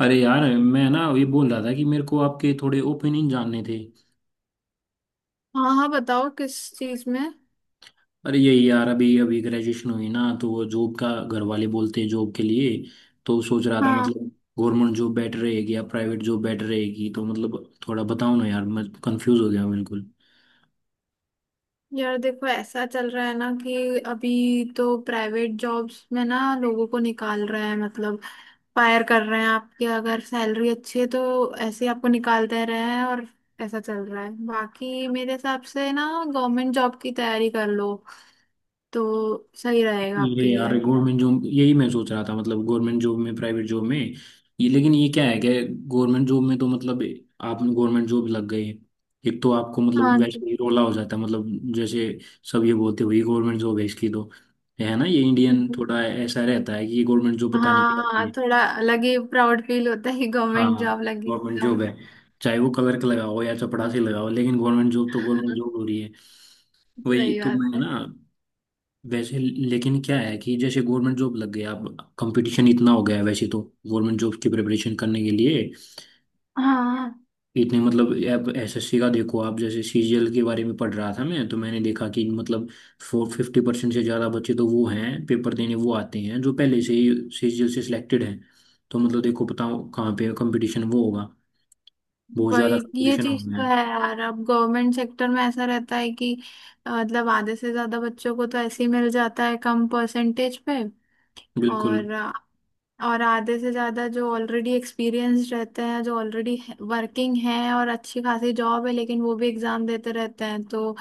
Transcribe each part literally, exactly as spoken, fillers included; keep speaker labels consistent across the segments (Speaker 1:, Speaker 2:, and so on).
Speaker 1: अरे यार मैं ना ये बोल रहा था कि मेरे को आपके थोड़े ओपिनियन जानने थे।
Speaker 2: हाँ हाँ, बताओ किस चीज में।
Speaker 1: अरे यही यार, अभी अभी ग्रेजुएशन हुई ना, तो वो जॉब का घर वाले बोलते हैं जॉब के लिए। तो सोच रहा था
Speaker 2: हाँ,
Speaker 1: मतलब गवर्नमेंट जॉब बेटर रहेगी या प्राइवेट जॉब बेटर रहेगी, तो मतलब थोड़ा बताओ ना यार, मैं कंफ्यूज हो गया बिल्कुल।
Speaker 2: यार देखो ऐसा चल रहा है ना कि अभी तो प्राइवेट जॉब्स में ना लोगों को निकाल रहा है, मतलब फायर कर रहे हैं। आपकी अगर सैलरी अच्छी है तो ऐसे ही आपको निकाल दे रहे हैं, और ऐसा चल रहा है। बाकी मेरे हिसाब से ना गवर्नमेंट जॉब की तैयारी कर लो तो सही रहेगा
Speaker 1: ये
Speaker 2: आपके लिए।
Speaker 1: यार गवर्नमेंट जॉब, यही मैं सोच रहा था मतलब गवर्नमेंट जॉब में प्राइवेट जॉब में। ये लेकिन ये क्या है कि गवर्नमेंट जॉब में तो मतलब आप गवर्नमेंट जॉब लग गए, एक तो आपको मतलब
Speaker 2: हाँ जी।
Speaker 1: वैसे ही रोला हो जाता है मतलब। जैसे सब ये बोलते हुए गवर्नमेंट जॉब है इसकी तो, है ना, ये इंडियन थोड़ा ऐसा रहता है कि ये गवर्नमेंट जॉब पता नहीं क्या
Speaker 2: हाँ
Speaker 1: होती
Speaker 2: हाँ,
Speaker 1: है।
Speaker 2: थोड़ा अलग ही प्राउड फील होता है कि गवर्नमेंट
Speaker 1: हाँ,
Speaker 2: जॉब लगी
Speaker 1: गवर्नमेंट जॉब
Speaker 2: एकदम।
Speaker 1: है, चाहे वो क्लर्क लगाओ या चपरासी लगाओ, लेकिन गवर्नमेंट जॉब तो गवर्नमेंट जॉब हो रही है। वही
Speaker 2: सही
Speaker 1: तो
Speaker 2: बात
Speaker 1: मैं
Speaker 2: है।
Speaker 1: ना, वैसे लेकिन क्या है कि जैसे गवर्नमेंट जॉब लग गया, अब कंपटीशन इतना हो गया है वैसे तो। गवर्नमेंट जॉब की प्रिपरेशन करने के लिए
Speaker 2: हाँ,
Speaker 1: इतने मतलब, अब एस एस सी का देखो आप, जैसे सी जी एल के बारे में पढ़ रहा था मैं, तो मैंने देखा कि मतलब फोर फिफ्टी परसेंट से ज़्यादा बच्चे तो वो हैं पेपर देने, वो आते हैं जो पहले से ही सी जी एल से सिलेक्टेड हैं। तो मतलब देखो बताओ कहाँ पे कंपटीशन वो होगा, बहुत ज़्यादा
Speaker 2: वही, ये
Speaker 1: कंपटीशन
Speaker 2: चीज
Speaker 1: होना
Speaker 2: तो
Speaker 1: है।
Speaker 2: है यार। अब गवर्नमेंट सेक्टर में ऐसा रहता है कि अ, मतलब आधे से ज्यादा बच्चों को तो ऐसे ही मिल जाता है कम परसेंटेज पे।
Speaker 1: बिल्कुल।
Speaker 2: और अ, और आधे से ज्यादा जो ऑलरेडी एक्सपीरियंस रहते हैं, जो ऑलरेडी वर्किंग हैं और अच्छी खासी जॉब है, लेकिन वो भी एग्जाम देते रहते हैं। तो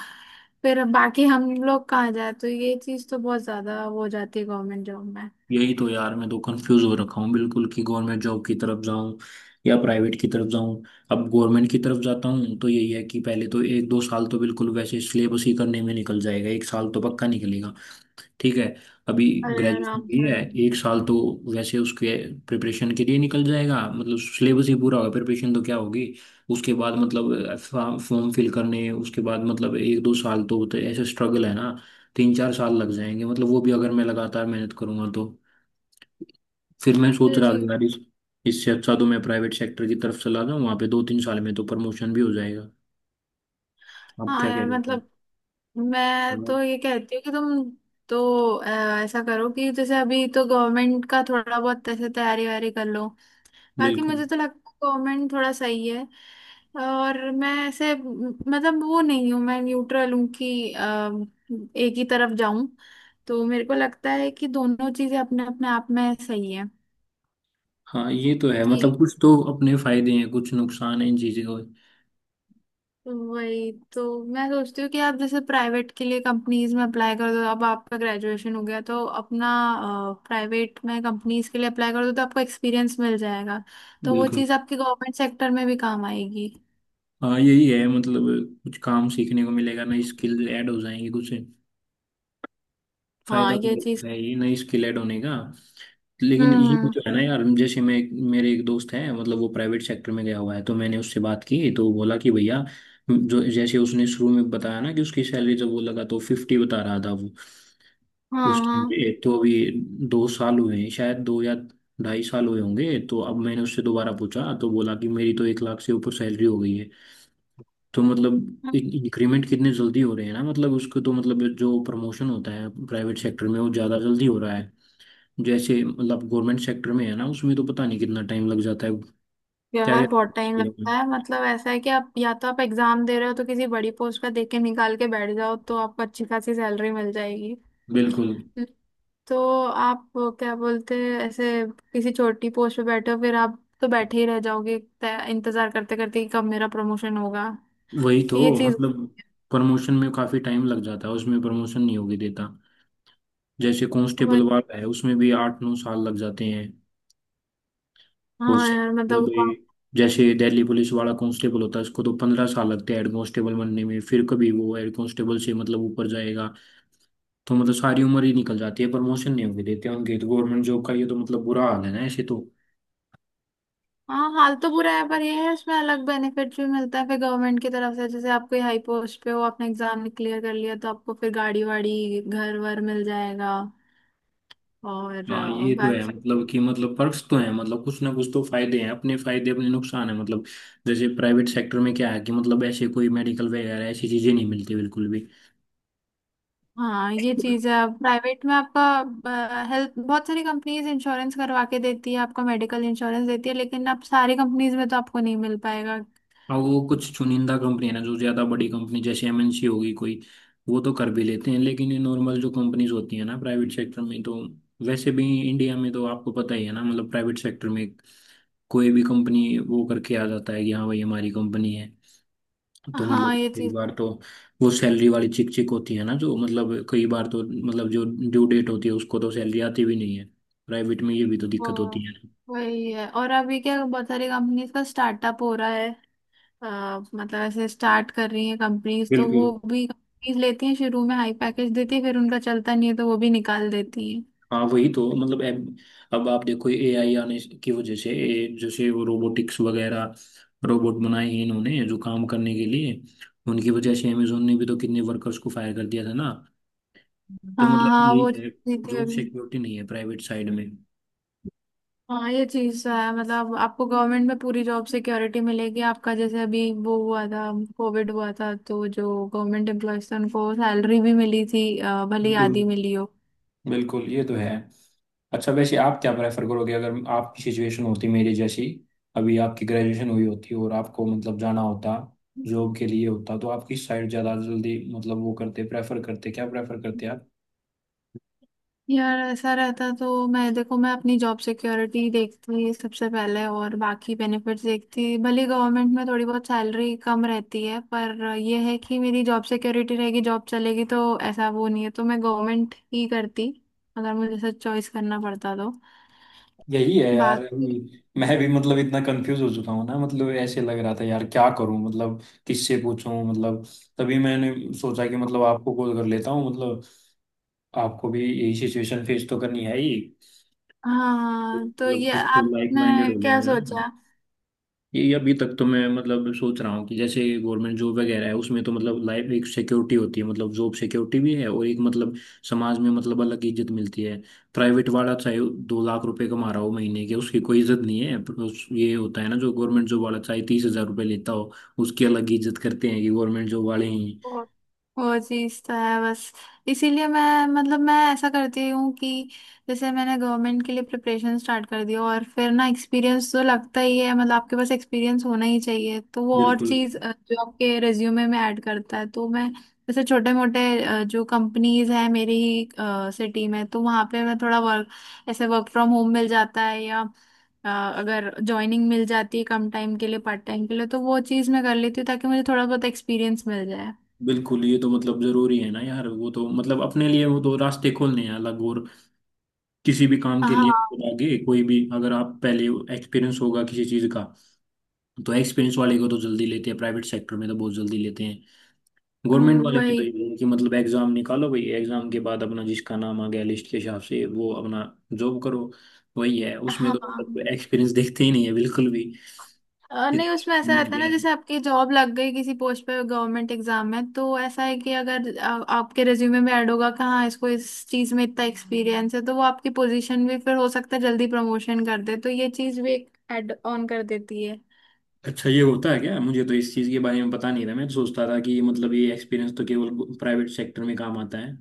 Speaker 2: फिर अब बाकी हम लोग कहाँ जाए? तो ये चीज तो बहुत ज्यादा हो जाती है गवर्नमेंट जॉब में।
Speaker 1: यही तो यार, मैं तो कंफ्यूज हो रखा हूँ बिल्कुल कि गवर्नमेंट जॉब की तरफ जाऊँ या प्राइवेट की तरफ जाऊँ। अब गवर्नमेंट की तरफ जाता हूँ तो यही है कि पहले तो एक दो साल तो बिल्कुल वैसे सिलेबस ही करने में निकल जाएगा, एक साल तो पक्का निकलेगा। ठीक है, अभी
Speaker 2: अरे
Speaker 1: ग्रेजुएशन
Speaker 2: आराम
Speaker 1: भी
Speaker 2: से,
Speaker 1: है,
Speaker 2: आराम से।
Speaker 1: एक साल तो वैसे उसके प्रिपरेशन के लिए निकल जाएगा, मतलब सिलेबस ही पूरा होगा, प्रिपरेशन तो क्या होगी। उसके बाद मतलब फॉर्म फिल करने, उसके बाद मतलब एक दो साल तो, तो ऐसे स्ट्रगल है ना। तीन चार साल लग जाएंगे, मतलब वो भी अगर मैं लगातार मेहनत करूंगा तो। फिर मैं सोच
Speaker 2: ये
Speaker 1: रहा था
Speaker 2: चीज।
Speaker 1: यार, इस इससे अच्छा तो मैं प्राइवेट सेक्टर की तरफ चला जाऊँ, वहाँ पे दो तीन साल में तो प्रमोशन भी हो जाएगा। आप
Speaker 2: हाँ
Speaker 1: क्या कह
Speaker 2: यार,
Speaker 1: रहे
Speaker 2: मतलब मैं
Speaker 1: हो?
Speaker 2: तो ये कहती हूँ कि तुम तो अ, ऐसा करो कि जैसे अभी तो गवर्नमेंट का थोड़ा बहुत ऐसे तैयारी वारी कर लो। बाकी
Speaker 1: बिल्कुल।
Speaker 2: मुझे तो लगता है गवर्नमेंट थोड़ा सही है। और मैं ऐसे म, मतलब वो नहीं हूँ, मैं न्यूट्रल हूँ कि अ, एक ही तरफ जाऊं। तो मेरे को लगता है कि दोनों चीजें अपने अपने आप में सही
Speaker 1: हाँ ये तो है,
Speaker 2: है।
Speaker 1: मतलब कुछ तो अपने फायदे हैं कुछ नुकसान है इन चीज़ों के।
Speaker 2: वही तो मैं सोचती हूँ कि आप जैसे प्राइवेट के लिए कंपनीज में अप्लाई कर दो। अब आपका ग्रेजुएशन हो गया तो अपना प्राइवेट में कंपनीज के लिए अप्लाई कर दो तो आपको एक्सपीरियंस मिल जाएगा। तो वो
Speaker 1: बिल्कुल।
Speaker 2: चीज़ आपकी गवर्नमेंट सेक्टर में भी काम आएगी।
Speaker 1: हाँ यही है, मतलब कुछ काम सीखने को मिलेगा, नई स्किल ऐड हो जाएंगी, कुछ
Speaker 2: हाँ,
Speaker 1: फायदा तो
Speaker 2: ये चीज़।
Speaker 1: है ये नई स्किल ऐड होने का। लेकिन
Speaker 2: हम्म
Speaker 1: ये भी
Speaker 2: हम्म।
Speaker 1: तो है ना यार, जैसे मैं, मेरे एक दोस्त है मतलब, वो प्राइवेट सेक्टर में गया हुआ है, तो मैंने उससे बात की तो बोला कि भैया, जो जैसे उसने शुरू में बताया ना कि उसकी सैलरी जब वो लगा तो फिफ्टी बता रहा था वो,
Speaker 2: हाँ
Speaker 1: उस टाइम
Speaker 2: हाँ।
Speaker 1: पे। तो अभी दो साल हुए हैं शायद, दो या ढाई साल हुए होंगे, तो अब मैंने उससे दोबारा पूछा तो बोला कि मेरी तो एक लाख से ऊपर सैलरी हो गई है। तो मतलब
Speaker 2: हाँ।
Speaker 1: इंक्रीमेंट कितने जल्दी हो रहे हैं ना, मतलब उसको तो मतलब जो प्रमोशन होता है प्राइवेट सेक्टर में वो ज़्यादा जल्दी हो रहा है। जैसे मतलब गवर्नमेंट सेक्टर में है ना, उसमें तो पता नहीं कितना टाइम लग जाता है। क्या
Speaker 2: यार
Speaker 1: कहते हैं
Speaker 2: बहुत टाइम
Speaker 1: उसके लिए?
Speaker 2: लगता है। मतलब ऐसा है कि आप या तो आप एग्जाम दे रहे हो तो किसी बड़ी पोस्ट का देख के निकाल के बैठ जाओ तो आपको अच्छी खासी सैलरी मिल जाएगी।
Speaker 1: बिल्कुल।
Speaker 2: तो आप क्या बोलते हैं, ऐसे किसी छोटी पोस्ट पे बैठे हो फिर आप तो बैठे ही रह जाओगे तय- इंतजार करते करते कि कब मेरा प्रमोशन होगा।
Speaker 1: वही तो
Speaker 2: ये चीज।
Speaker 1: मतलब प्रमोशन में काफी टाइम लग जाता है, उसमें प्रमोशन नहीं होगी देता। जैसे कांस्टेबल
Speaker 2: वही।
Speaker 1: वाला है उसमें भी आठ नौ साल लग जाते हैं। और
Speaker 2: हाँ
Speaker 1: से-
Speaker 2: यार मतलब
Speaker 1: मतलब
Speaker 2: वो-
Speaker 1: ये, जैसे दिल्ली पुलिस वाला कांस्टेबल होता है उसको तो पंद्रह साल लगते हैं हेड कांस्टेबल बनने में, फिर कभी वो हेड कांस्टेबल से मतलब ऊपर जाएगा। तो मतलब सारी उम्र ही निकल जाती है, प्रमोशन नहीं होगी देते उनके, तो गवर्नमेंट जॉब का ये तो मतलब बुरा हाल है ना ऐसे तो।
Speaker 2: हाँ, हाल तो बुरा है पर ये है इसमें अलग बेनिफिट भी मिलता है फिर गवर्नमेंट की तरफ से। जैसे आप कोई हाई पोस्ट पे हो, आपने एग्जाम क्लियर कर लिया तो आपको फिर गाड़ी वाड़ी घर वर मिल जाएगा। और
Speaker 1: हाँ
Speaker 2: अ,
Speaker 1: ये तो है,
Speaker 2: बाकी
Speaker 1: मतलब कि मतलब पर्क्स तो हैं, मतलब कुछ ना कुछ तो फायदे हैं, अपने फायदे अपने नुकसान है मतलब। जैसे प्राइवेट सेक्टर में क्या है कि मतलब ऐसे कोई मेडिकल वगैरह ऐसी चीजें नहीं मिलती बिल्कुल भी।
Speaker 2: हाँ, ये चीज है। प्राइवेट में आपका हेल्थ, बहुत सारी कंपनीज इंश्योरेंस करवा के देती है, आपका मेडिकल इंश्योरेंस देती है, लेकिन आप सारी कंपनीज में तो आपको नहीं मिल पाएगा।
Speaker 1: और वो कुछ चुनिंदा कंपनी है ना, जो ज्यादा बड़ी कंपनी, जैसे एम एन सी होगी कोई, वो तो कर भी लेते हैं, लेकिन ये नॉर्मल जो कंपनीज होती है ना प्राइवेट सेक्टर में, तो वैसे भी इंडिया में तो आपको पता ही है ना, मतलब प्राइवेट सेक्टर में कोई भी कंपनी वो करके आ जाता है कि हाँ भाई हमारी कंपनी है। तो
Speaker 2: हाँ,
Speaker 1: मतलब
Speaker 2: ये
Speaker 1: कई
Speaker 2: चीज।
Speaker 1: बार तो वो सैलरी वाली चिक चिक होती है ना, जो मतलब कई बार तो मतलब जो ड्यू डेट होती है उसको तो सैलरी आती भी नहीं है, प्राइवेट में ये भी तो
Speaker 2: वो
Speaker 1: दिक्कत होती है।
Speaker 2: वही है। और अभी क्या, बहुत सारी कंपनीज का स्टार्टअप हो रहा है। अ, मतलब ऐसे स्टार्ट कर रही है कंपनीज तो वो
Speaker 1: बिल्कुल।
Speaker 2: भी कंपनीज लेती हैं, शुरू में हाई पैकेज देती है, फिर उनका चलता नहीं है तो वो भी निकाल देती है।
Speaker 1: हाँ वही तो मतलब, अब अब आप देखो ए आई आने की वजह से ए, जैसे वो रोबोटिक्स वगैरह रोबोट बनाए हैं इन्होंने जो काम करने के लिए, उनकी वजह से अमेजोन ने भी तो कितने वर्कर्स को फायर कर दिया था ना। तो
Speaker 2: हाँ
Speaker 1: मतलब
Speaker 2: हाँ, वो
Speaker 1: ये
Speaker 2: चीज़ें
Speaker 1: जॉब
Speaker 2: भी।
Speaker 1: सिक्योरिटी नहीं है प्राइवेट साइड में।
Speaker 2: हाँ, ये चीज तो है। मतलब आपको गवर्नमेंट में पूरी जॉब सिक्योरिटी मिलेगी। आपका जैसे अभी वो हुआ था, कोविड हुआ था, तो जो गवर्नमेंट एम्प्लॉयज थे उनको सैलरी भी मिली थी अ, भले ही
Speaker 1: बिल्कुल,
Speaker 2: आधी मिली हो।
Speaker 1: बिल्कुल, ये तो है। अच्छा वैसे आप क्या प्रेफर करोगे अगर आपकी सिचुएशन होती मेरी जैसी, अभी आपकी ग्रेजुएशन हुई होती और आपको मतलब जाना होता जॉब के लिए होता, तो आप किस साइड ज़्यादा जल्दी मतलब वो करते प्रेफर करते क्या प्रेफर करते आप?
Speaker 2: यार ऐसा रहता तो मैं देखो मैं अपनी जॉब सिक्योरिटी देखती सबसे पहले और बाकी बेनिफिट्स देखती। भले गवर्नमेंट में थोड़ी बहुत सैलरी कम रहती है पर ये है कि मेरी जॉब सिक्योरिटी रहेगी, जॉब चलेगी तो ऐसा वो नहीं है, तो मैं गवर्नमेंट ही करती अगर मुझे ऐसा चॉइस करना पड़ता तो।
Speaker 1: यही है यार,
Speaker 2: बाकी
Speaker 1: अभी मैं भी मतलब इतना कंफ्यूज हो चुका हूँ ना, मतलब ऐसे लग रहा था यार क्या करूँ मतलब, किससे पूछूं मतलब। तभी मैंने सोचा कि मतलब आपको कॉल कर लेता हूँ मतलब, आपको भी यही सिचुएशन फेस तो करनी है ही,
Speaker 2: हाँ तो
Speaker 1: मतलब
Speaker 2: ये,
Speaker 1: खुद तो लाइक माइंडेड
Speaker 2: आपने
Speaker 1: हो गए
Speaker 2: क्या
Speaker 1: हैं।
Speaker 2: सोचा?
Speaker 1: ये अभी तक तो मैं मतलब सोच रहा हूँ कि जैसे गवर्नमेंट जॉब वगैरह है उसमें तो मतलब लाइफ एक सिक्योरिटी होती है, मतलब जॉब सिक्योरिटी भी है, और एक मतलब समाज में मतलब अलग इज्जत मिलती है। प्राइवेट वाला चाहे दो लाख रुपए कमा रहा हो महीने के उसकी कोई इज्जत नहीं है, पर उस ये होता है ना, जो गवर्नमेंट जॉब वाला चाहे तीस हजार रुपये लेता हो उसकी अलग इज्जत करते हैं कि गवर्नमेंट जॉब वाले ही।
Speaker 2: वो वो चीज तो है बस। इसीलिए मैं, मतलब मैं ऐसा करती हूँ कि जैसे मैंने गवर्नमेंट के लिए प्रिपरेशन स्टार्ट कर दिया और फिर ना एक्सपीरियंस तो लगता ही है। मतलब आपके पास एक्सपीरियंस होना ही चाहिए, तो वो और
Speaker 1: बिल्कुल।
Speaker 2: चीज अ, जो आपके रिज्यूमे में ऐड करता है। तो मैं जैसे छोटे मोटे जो कंपनीज है मेरी ही सिटी में तो वहां पे मैं थोड़ा वर्क, ऐसे वर्क फ्रॉम होम मिल जाता है या अ, अगर ज्वाइनिंग मिल जाती है कम टाइम के लिए, पार्ट टाइम के लिए तो वो चीज़ मैं कर लेती हूँ ताकि मुझे थोड़ा बहुत एक्सपीरियंस मिल जाए।
Speaker 1: बिल्कुल, ये तो मतलब जरूरी है ना यार, वो तो मतलब अपने लिए वो तो रास्ते खोलने हैं अलग, और किसी भी काम के
Speaker 2: हाँ।
Speaker 1: लिए मतलब आगे कोई भी, अगर आप पहले एक्सपीरियंस होगा किसी चीज का, तो एक्सपीरियंस वाले को तो जल्दी लेते हैं, प्राइवेट सेक्टर में तो बहुत जल्दी लेते हैं। गवर्नमेंट वाले में
Speaker 2: वही।
Speaker 1: तो इनकी मतलब एग्जाम निकालो भाई, एग्जाम के बाद अपना जिसका नाम आ गया लिस्ट के हिसाब से वो अपना जॉब करो, वही है उसमें तो।
Speaker 2: हाँ
Speaker 1: एक्सपीरियंस देखते ही नहीं है बिल्कुल भी।
Speaker 2: अ,
Speaker 1: कि
Speaker 2: नहीं, उसमें ऐसा रहता है ना जैसे आपकी जॉब लग गई किसी पोस्ट पे गवर्नमेंट एग्जाम में तो ऐसा है कि अगर आ, आपके रिज्यूमे में ऐड होगा कहाँ इसको इस चीज में इतना एक्सपीरियंस है तो वो आपकी पोजीशन भी फिर हो सकता है जल्दी प्रमोशन कर दे, तो ये चीज भी एक ऐड ऑन कर देती है।
Speaker 1: अच्छा ये होता है क्या, मुझे तो इस चीज़ के बारे में पता नहीं था, मैं तो सोचता था कि मतलब ये एक्सपीरियंस तो केवल प्राइवेट सेक्टर में काम आता है।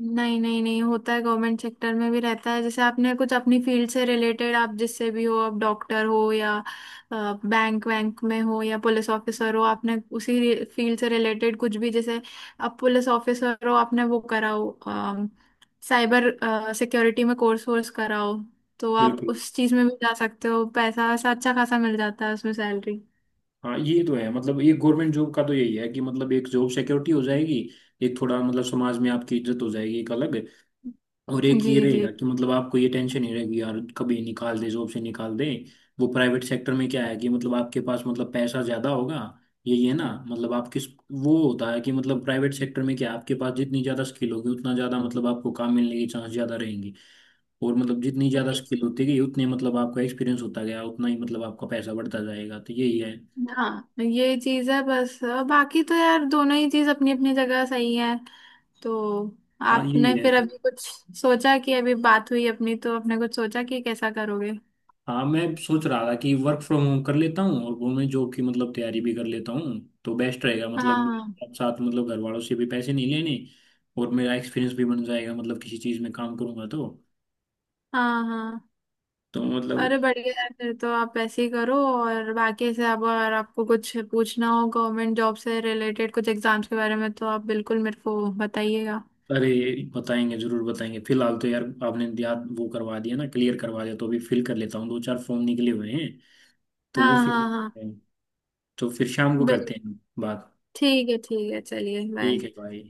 Speaker 2: नहीं नहीं, नहीं होता है, गवर्नमेंट सेक्टर में भी रहता है। जैसे आपने कुछ अपनी फील्ड से रिलेटेड, आप जिससे भी हो, आप डॉक्टर हो या बैंक वैंक में हो या पुलिस ऑफिसर हो, आपने उसी फील्ड से रिलेटेड कुछ भी, जैसे आप पुलिस ऑफिसर हो आपने वो कराओ साइबर सिक्योरिटी में कोर्स वोर्स कराओ, तो आप
Speaker 1: बिल्कुल।
Speaker 2: उस चीज में भी जा सकते हो। पैसा वैसा अच्छा खासा मिल जाता है उसमें सैलरी।
Speaker 1: हाँ ये तो है, मतलब ये गवर्नमेंट जॉब का तो यही है कि मतलब एक जॉब सिक्योरिटी हो जाएगी, एक थोड़ा मतलब समाज में आपकी इज्जत हो जाएगी एक अलग, और एक
Speaker 2: जी
Speaker 1: ये
Speaker 2: जी।
Speaker 1: रहेगा कि मतलब आपको ये टेंशन नहीं रहेगी यार, कभी निकाल दे, जॉब से निकाल दे। वो प्राइवेट सेक्टर में क्या है कि मतलब आपके पास मतलब पैसा ज्यादा होगा, ये ये ना मतलब आप किस, वो होता है कि मतलब प्राइवेट सेक्टर में क्या है, आपके पास जितनी ज्यादा स्किल होगी उतना ज्यादा मतलब आपको काम मिलने के चांस ज्यादा रहेंगे। और मतलब जितनी ज्यादा स्किल होती गई उतने मतलब आपका एक्सपीरियंस होता गया उतना ही मतलब आपका पैसा बढ़ता जाएगा, तो यही है।
Speaker 2: हाँ तो ये चीज है बस। बाकी तो यार दोनों ही चीज अपनी अपनी जगह सही है। तो
Speaker 1: हाँ
Speaker 2: आपने
Speaker 1: यही है।
Speaker 2: फिर अभी कुछ सोचा कि अभी बात हुई अपनी, तो आपने कुछ सोचा कि कैसा करोगे?
Speaker 1: हाँ मैं सोच रहा था कि वर्क फ्रॉम होम कर लेता हूँ और गवर्नमेंट जॉब की मतलब तैयारी भी कर लेता हूँ, तो बेस्ट रहेगा मतलब
Speaker 2: हाँ
Speaker 1: मेरे साथ, मतलब घर वालों से भी पैसे नहीं लेने और मेरा एक्सपीरियंस भी बन जाएगा मतलब किसी चीज़ में काम करूँगा तो
Speaker 2: हाँ हाँ।
Speaker 1: तो मतलब।
Speaker 2: अरे बढ़िया है फिर तो, आप ऐसे ही करो और बाकी से अब अगर आपको कुछ पूछना हो गवर्नमेंट जॉब से रिलेटेड, कुछ एग्जाम्स के बारे में, तो आप बिल्कुल मेरे को बताइएगा।
Speaker 1: अरे बताएंगे, ज़रूर बताएंगे, फिलहाल तो यार आपने याद वो करवा दिया ना, क्लियर करवा दिया, तो अभी फिल कर लेता हूँ, दो चार फॉर्म निकले हुए हैं तो वो
Speaker 2: हाँ
Speaker 1: फिल,
Speaker 2: हाँ हाँ।
Speaker 1: तो फिर शाम को
Speaker 2: बिल्कुल।
Speaker 1: करते हैं बात।
Speaker 2: ठीक है ठीक है, चलिए
Speaker 1: ठीक
Speaker 2: बाय।
Speaker 1: है भाई।